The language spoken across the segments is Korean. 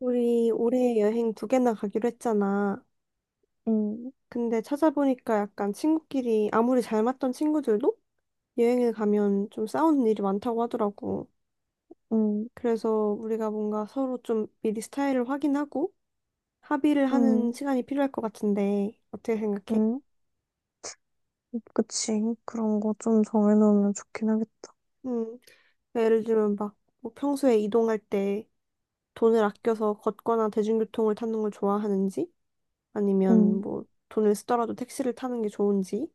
우리 올해 여행 두 개나 가기로 했잖아. 음, 근데 찾아보니까 약간 친구끼리 아무리 잘 맞던 친구들도 여행을 가면 좀 싸우는 일이 많다고 하더라고. 음, 그래서 우리가 뭔가 서로 좀 미리 스타일을 확인하고 합의를 하는 음, 시간이 필요할 것 같은데 어떻게 생각해? 음. 그치. 그런 거 좀 정해놓으면 좋긴 하겠다. 음, 그러니까 예를 들면 막 뭐 평소에 이동할 때 돈을 아껴서 걷거나 대중교통을 타는 걸 좋아하는지 아니면 음, 뭐 돈을 쓰더라도 택시를 타는 게 좋은지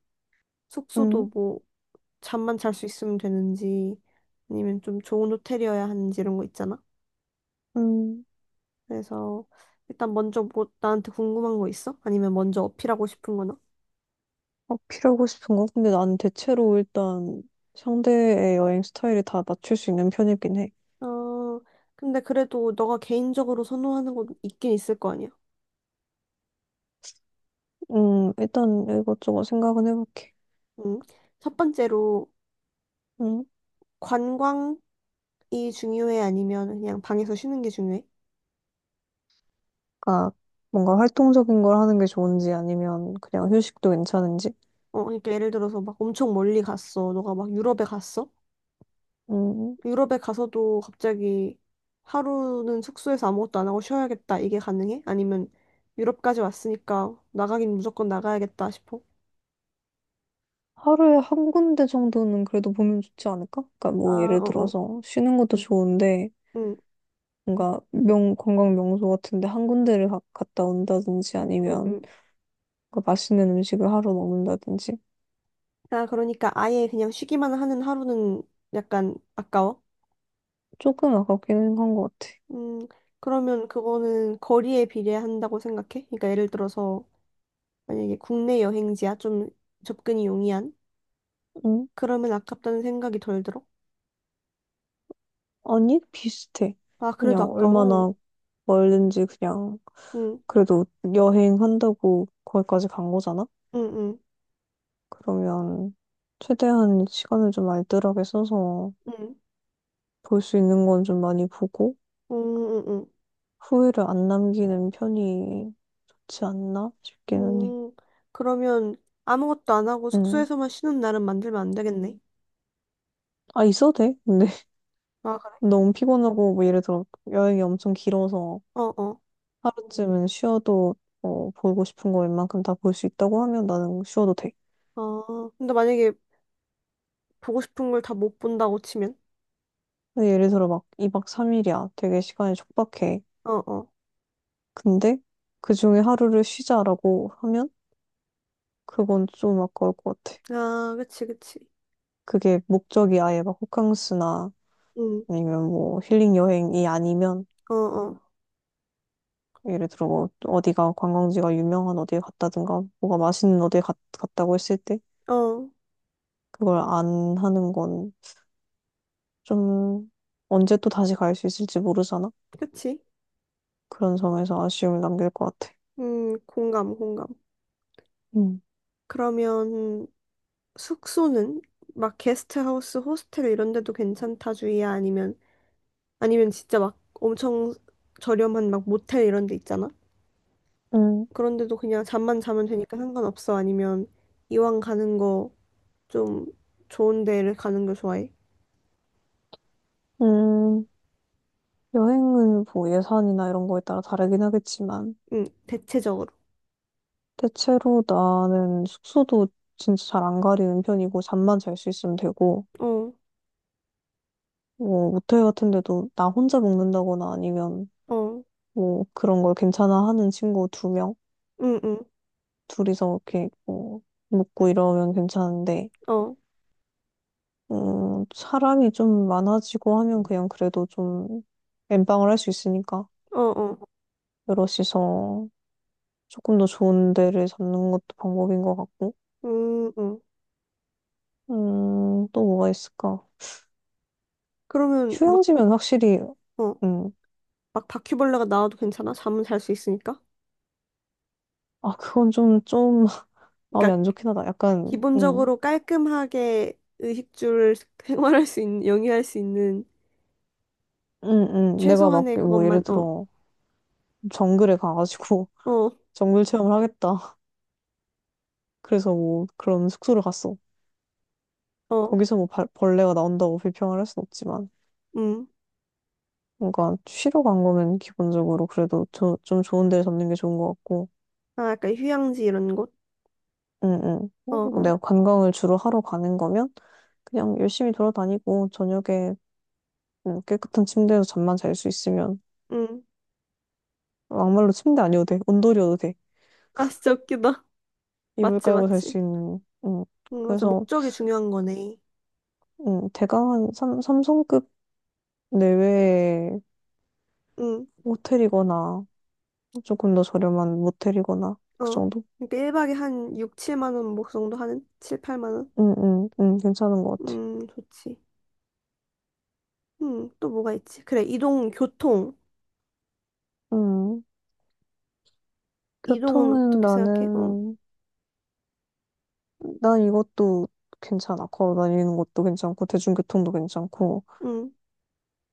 음, 숙소도 뭐 잠만 잘 수 있으면 되는지 아니면 좀 좋은 호텔이어야 하는지 이런 거 있잖아. 음. 그래서 일단 먼저 뭐 나한테 궁금한 거 있어? 아니면 먼저 어필하고 싶은 거나? 어, 필요하고 싶은 거? 근데 난 대체로 일단 상대의 여행 스타일이 다 맞출 수 있는 편이긴 해. 어, 근데 그래도 너가 개인적으로 선호하는 건 있긴 있을 거 아니야. 일단 이것저것 생각은 해볼게. 응. 첫 번째로 음, 관광이 중요해 아니면 그냥 방에서 쉬는 게 중요해? 그러니까 뭔가 활동적인 걸 하는 게 좋은지 아니면 그냥 휴식도 괜찮은지. 어, 그러니까 예를 들어서 막 엄청 멀리 갔어. 너가 막 유럽에 갔어? 음, 유럽에 가서도 갑자기 하루는 숙소에서 아무것도 안 하고 쉬어야겠다. 이게 가능해? 아니면 유럽까지 왔으니까 나가긴 무조건 나가야겠다 싶어? 하루에 한 군데 정도는 그래도 보면 좋지 않을까? 그러니까 아, 뭐 예를 어, 어. 들어서 쉬는 것도 좋은데 응, 뭔가 명 관광 명소 같은데 한 군데를 갔다 온다든지 응, 아니면 응. 뭔가 맛있는 음식을 하러 먹는다든지. 아, 그러니까 아예 그냥 쉬기만 하는 하루는 약간 아까워? 조금 아깝기는 한 것 같아. 음, 그러면 그거는 거리에 비례한다고 생각해? 그러니까 예를 들어서 만약에 국내 여행지야 좀 접근이 용이한? 응? 그러면 아깝다는 생각이 덜 들어? 아니 비슷해. 아, 그래도 그냥 아까워. 얼마나 멀든지 그냥 응, 그래도 여행한다고 거기까지 간 거잖아? 응, 응, 그러면 최대한 시간을 좀 알뜰하게 써서 응. 볼 수 있는 건 좀 많이 보고 응, 응, 응. 후회를 안 남기는 편이 좋지 않나 싶기는 해. 음, 그러면 아무것도 안 하고 응. 숙소에서만 쉬는 날은 만들면 안 되겠네. 아, 있어도 돼. 근데 아, 그래? 너무 피곤하고 뭐 예를 들어 여행이 엄청 길어서 어어. 어. 하루쯤은 쉬어도, 어, 보고 싶은 거 웬만큼 다 볼 수 있다고 하면 나는 쉬어도 돼. 어. 아, 근데 만약에 보고 싶은 걸 다 못 본다고 치면? 근데 예를 들어 막 2박 3일이야. 되게 시간이 촉박해. 어어. 근데 그중에 하루를 쉬자라고 하면 그건 좀 아까울 것 같아. 아, 그치, 그치. 그게 목적이 아예 막 호캉스나 응, 아니면 뭐 힐링 여행이 아니면, 어어. 예를 들어 뭐 어디가 관광지가 유명한 어디에 갔다든가 뭐가 맛있는 어디에 갔다고 했을 때 어, 그걸 안 하는 건 좀, 언제 또 다시 갈 수 있을지 모르잖아. 그치. 그런 점에서 아쉬움을 남길 것 같아. 공감, 공감. 음, 그러면 숙소는 막 게스트하우스, 호스텔 이런 데도 괜찮다 주의야? 아니면, 아니면 진짜 막 엄청 저렴한 막 모텔 이런 데 있잖아? 음, 그런데도 그냥 잠만 자면 되니까 상관없어. 아니면 이왕 가는 거 좀 좋은 데를 가는 걸 좋아해. 음, 여행은 뭐 예산이나 이런 거에 따라 다르긴 하겠지만, 응, 대체적으로. 대체로 나는 숙소도 진짜 잘 안 가리는 편이고, 잠만 잘 수 있으면 되고, 어, 뭐, 모텔 같은 데도 나 혼자 묵는다거나 아니면, 어, 뭐, 그런 걸 괜찮아 하는 친구 두 명, 응, 응, 둘이서 이렇게, 뭐, 묵고 이러면 괜찮은데, 어, 사람이 좀 많아지고 하면 그냥 그래도 좀 엠빵을 할 수 있으니까 어, 어, 여럿이서 조금 더 좋은 데를 잡는 것도 방법인 것 같고. 응. 또 뭐가 있을까? 그러면 막, 휴양지면 확실히, 어, 음, 막 바퀴벌레가 나와도 괜찮아? 잠은 잘 수 있으니까. 아, 그건 좀 좀 마음이 그러니까 안 좋긴 하다. 약간 기본적으로 깔끔하게 의식주를 생활할 수 있는, 영위할 수 있는 음, 내가 막 최소한의 뭐 예를 그것만, 어, 들어 정글에 가가지고 어, 정글 체험을 하겠다. 그래서 뭐 그런 숙소를 갔어. 어, 거기서 뭐 벌레가 나온다고 불평을 할 순 없지만. 음. 그러니까 쉬러 간 거면 기본적으로 그래도 좀 좋은 데 잡는 게 좋은 것 같고, 아, 약간 휴양지 이런 곳? 응, 어, 응. 어, 내가 관광을 주로 하러 가는 거면 그냥 열심히 돌아다니고 저녁에, 깨끗한 침대에서 잠만 잘 수 있으면. 음. 막말로 침대 아니어도 돼. 온돌이어도 돼. 아, 진짜 웃기다. 이불 맞지, 깔고 잘 수 맞지. 있는. 음. 응, 맞아. 그래서 목적이 중요한 거네. 대강 한 삼성급 내외의 응, 호텔이거나 조금 더 저렴한 모텔이거나 그 어. 정도? 그러니까 1박에 한 6, 7만 원 목 정도 하는? 7, 8만 원? 응, 응, 응. 괜찮은 것 같아. 좋지. 응, 또 뭐가 있지? 그래, 이동, 교통. 음. 이동은 교통은 어떻게 생각해? 어. 나는, 난 이것도 괜찮아. 걸어 다니는 것도 괜찮고, 대중교통도 괜찮고, 응,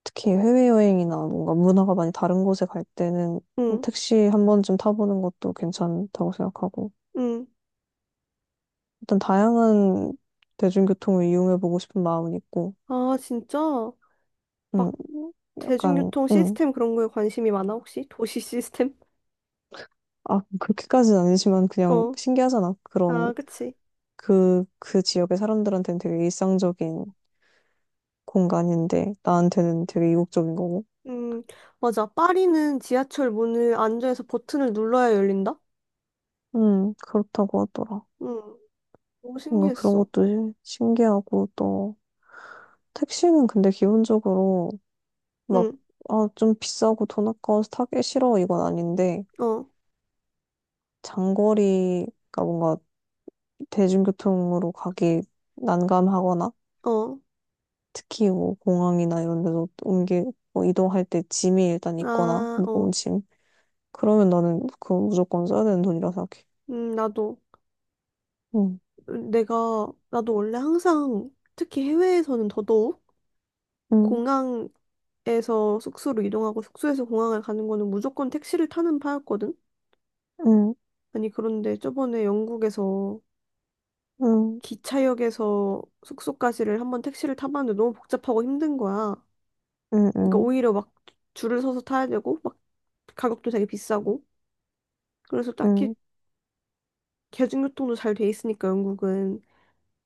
특히 해외여행이나 뭔가 문화가 많이 다른 곳에 갈 때는 뭐 응, 택시 한 번쯤 타보는 것도 괜찮다고 생각하고, 응. 일단 다양한 대중교통을 이용해보고 싶은 마음은 있고, 아, 진짜? 음, 막 약간, 대중교통 시스템 그런 거에 관심이 많아, 혹시? 도시 시스템? 아, 그렇게까지는 아니지만 그냥 어. 신기하잖아. 그런, 아, 그치. 그 지역의 사람들한테는 되게 일상적인 공간인데, 나한테는 되게 이국적인 거고, 음, 맞아. 파리는 지하철 문을 안전에서 버튼을 눌러야 열린다? 그렇다고 하더라. 응. 너무 뭔가 그런 신기했어. 것도 신기하고 또 택시는 근데 기본적으로 막, 응, 아, 좀 비싸고 돈 아까워서 타기 싫어 이건 아닌데 어. 장거리가 뭔가 대중교통으로 가기 난감하거나 어. 특히 뭐 공항이나 이런 데서 옮기, 뭐 이동할 때 짐이 일단 있거나 아, 어. 무거운 짐, 그러면 나는 그거 무조건 써야 되는 돈이라 생각해. 나도, 응, 내가, 나도 원래 항상, 특히 해외에서는 더더욱, 응, 공항에서 숙소로 이동하고 숙소에서 공항을 가는 거는 무조건 택시를 타는 파였거든? 응, 아니, 그런데 저번에 영국에서 응, 기차역에서 숙소까지를 한번 택시를 타봤는데 너무 복잡하고 힘든 거야. 응, 그러니까 응, 오히려 막 줄을 서서 타야 되고, 막 가격도 되게 비싸고. 그래서 딱히 응, 대중교통도 잘 돼 있으니까 영국은.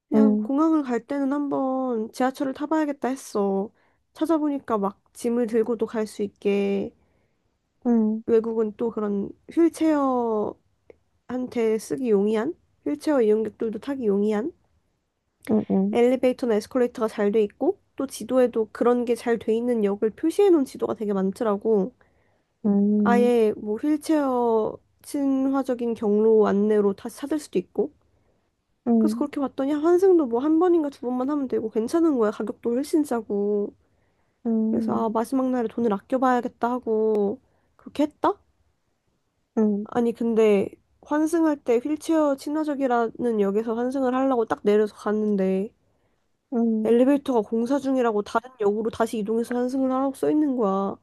그냥 응, 공항을 갈 때는 한번 지하철을 타봐야겠다 했어. 찾아보니까 막 짐을 들고도 갈 수 있게 응, 외국은 또 그런 휠체어한테 쓰기 용이한 휠체어 이용객들도 타기 용이한 응, 응, 엘리베이터나 에스컬레이터가 잘 돼 있고 또 지도에도 그런 게 잘 돼 있는 역을 표시해 놓은 지도가 되게 많더라고. 응, 응. 아예 뭐 휠체어 친화적인 경로 안내로 다시 찾을 수도 있고. 그래서 응. 그렇게 봤더니 환승도 뭐 한 번인가 두 번만 하면 되고 괜찮은 거야. 가격도 훨씬 싸고. 그래서 아, 음, 마지막 날에 돈을 아껴봐야겠다 하고 그렇게 했다? 음, 아니 근데 환승할 때 휠체어 친화적이라는 역에서 환승을 하려고 딱 내려서 갔는데 음. 엘리베이터가 공사 중이라고 다른 역으로 다시 이동해서 환승을 하라고 써 있는 거야.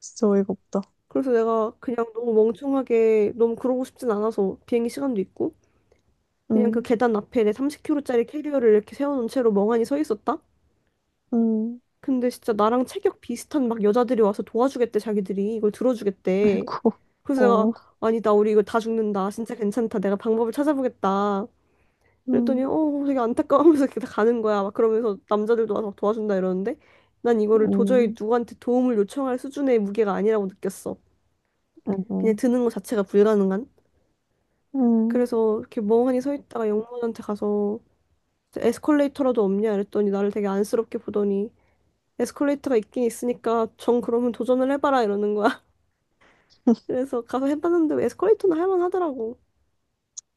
진짜 어이가 없다. 그래서 내가 그냥 너무 멍청하게 너무 그러고 싶진 않아서 비행기 시간도 있고 그냥 그 음, 계단 앞에 내 30kg짜리 캐리어를 이렇게 세워놓은 채로 멍하니 서 있었다? 음. 근데 진짜 나랑 체격 비슷한 막 여자들이 와서 도와주겠대 자기들이 이걸 들어주겠대. 아이고, 그래서 내가 어, 아니 나 우리 이거 다 죽는다 진짜 괜찮다 내가 방법을 찾아보겠다 그랬더니 음, 어 되게 안타까워하면서 이렇게 다 가는 거야 막 그러면서 남자들도 와서 막 도와준다 이러는데 난 이거를 도저히 음, 누구한테 도움을 요청할 수준의 무게가 아니라고 느꼈어. 음, 그냥 음. 드는 거 자체가 불가능한. 음. 그래서 이렇게 멍하니 서 있다가 영문한테 가서 에스컬레이터라도 없냐 이랬더니 나를 되게 안쓰럽게 보더니 에스컬레이터가 있긴 있으니까 정 그러면 도전을 해봐라 이러는 거야. 그래서 가서 해봤는데 에스컬레이터는 할만하더라고.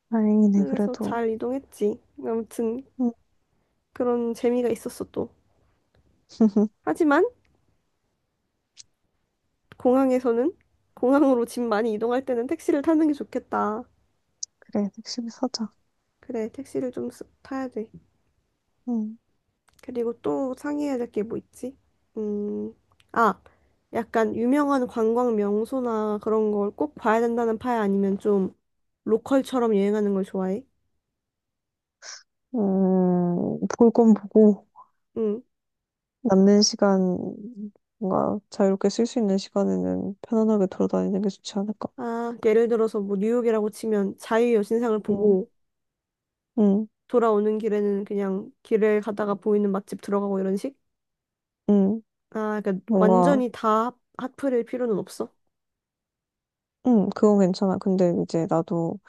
다행이네, 그래서 그래도. 잘 이동했지. 아무튼 음. 그런 재미가 있었어 또. 하지만 공항에서는 공항으로 집 많이 이동할 때는 택시를 타는 게 좋겠다. 그래, 열심히 사자. 그래, 택시를 좀 타야 돼. 음, 그리고 또 상의해야 될 게 뭐 있지? 음, 아, 약간 유명한 관광 명소나 그런 걸 꼭 봐야 된다는 파야 아니면 좀 로컬처럼 여행하는 걸 좋아해? 볼 건 보고, 응. 남는 시간, 뭔가 자유롭게 쓸 수 있는 시간에는 편안하게 돌아다니는 게 좋지 않을까. 아, 예를 들어서 뭐 뉴욕이라고 치면 자유여신상을 응, 보고 응, 돌아오는 길에는 그냥 길을 가다가 보이는 맛집 들어가고 이런 식? 응, 아, 그러니까 뭔가, 완전히 다 핫플일 필요는 없어. 응, 그건 괜찮아. 근데 이제 나도,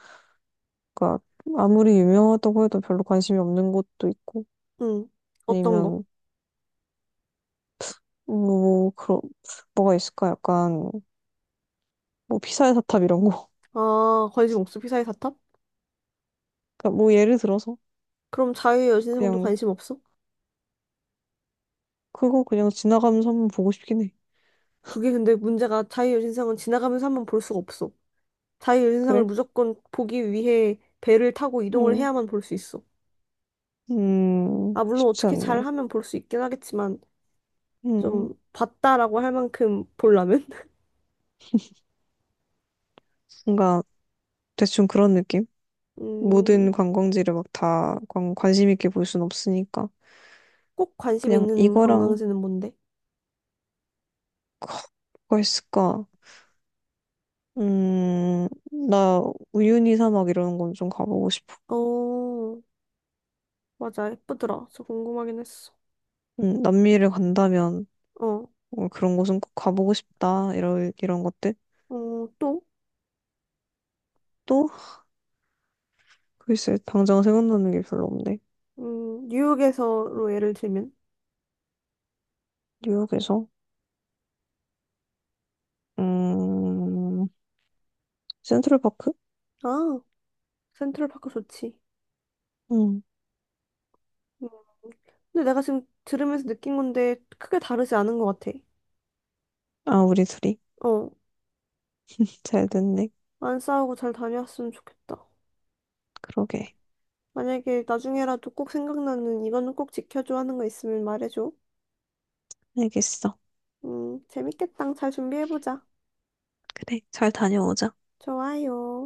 그니까, 아무리 유명하다고 해도 별로 관심이 없는 곳도 있고, 응. 어떤 거? 아니면 뭐 그런, 뭐가 있을까? 약간 뭐 피사의 사탑 이런 거. 아, 관심 없어. 피사의 사탑? 그러니까 뭐 예를 들어서 그럼 자유의 여신상도 그냥 관심 없어? 그거 그냥 지나가면서 한번 보고 싶긴 해. 그게 근데 문제가 자유의 여신상은 지나가면서 한번 볼 수가 없어. 자유의 여신상을 그래? 무조건 보기 위해 배를 타고 이동을 음, 해야만 볼 수 있어. 아, 물론 쉽지 어떻게 않네. 잘하면 볼 수 있긴 하겠지만 음, 좀 봤다라고 할 만큼 보려면 뭔가 대충 그런 느낌? 음, 모든 관광지를 막 다 관심 있게 볼 순 없으니까 꼭 관심 그냥 있는 이거랑 관광지는 뭔데? 뭐가 있을까? 음, 나 우유니 사막 이런 건 좀 가보고 싶어. 어. 맞아, 예쁘더라. 그래서 궁금하긴 했어. 남미를 간다면. 어, 어, 그런 곳은 꼭 가보고 싶다. 이런, 이런 것들. 어, 또, 또, 글쎄, 당장 생각나는 게 별로 없네. 뉴욕에서로 예를 들면, 뉴욕에서, 음, 센트럴파크? 아, 센트럴파크 좋지. 음, 음, 근데 내가 지금 들으면서 느낀 건데 크게 다르지 않은 것 같아. 아, 우리 둘이. 어, 잘 됐네. 안 싸우고 잘 다녀왔으면 좋겠다. 그러게. 만약에 나중에라도 꼭 생각나는 이거는 꼭 지켜줘 하는 거 있으면 말해줘. 알겠어. 재밌겠다. 잘 준비해보자. 그래, 잘 다녀오자. 좋아요.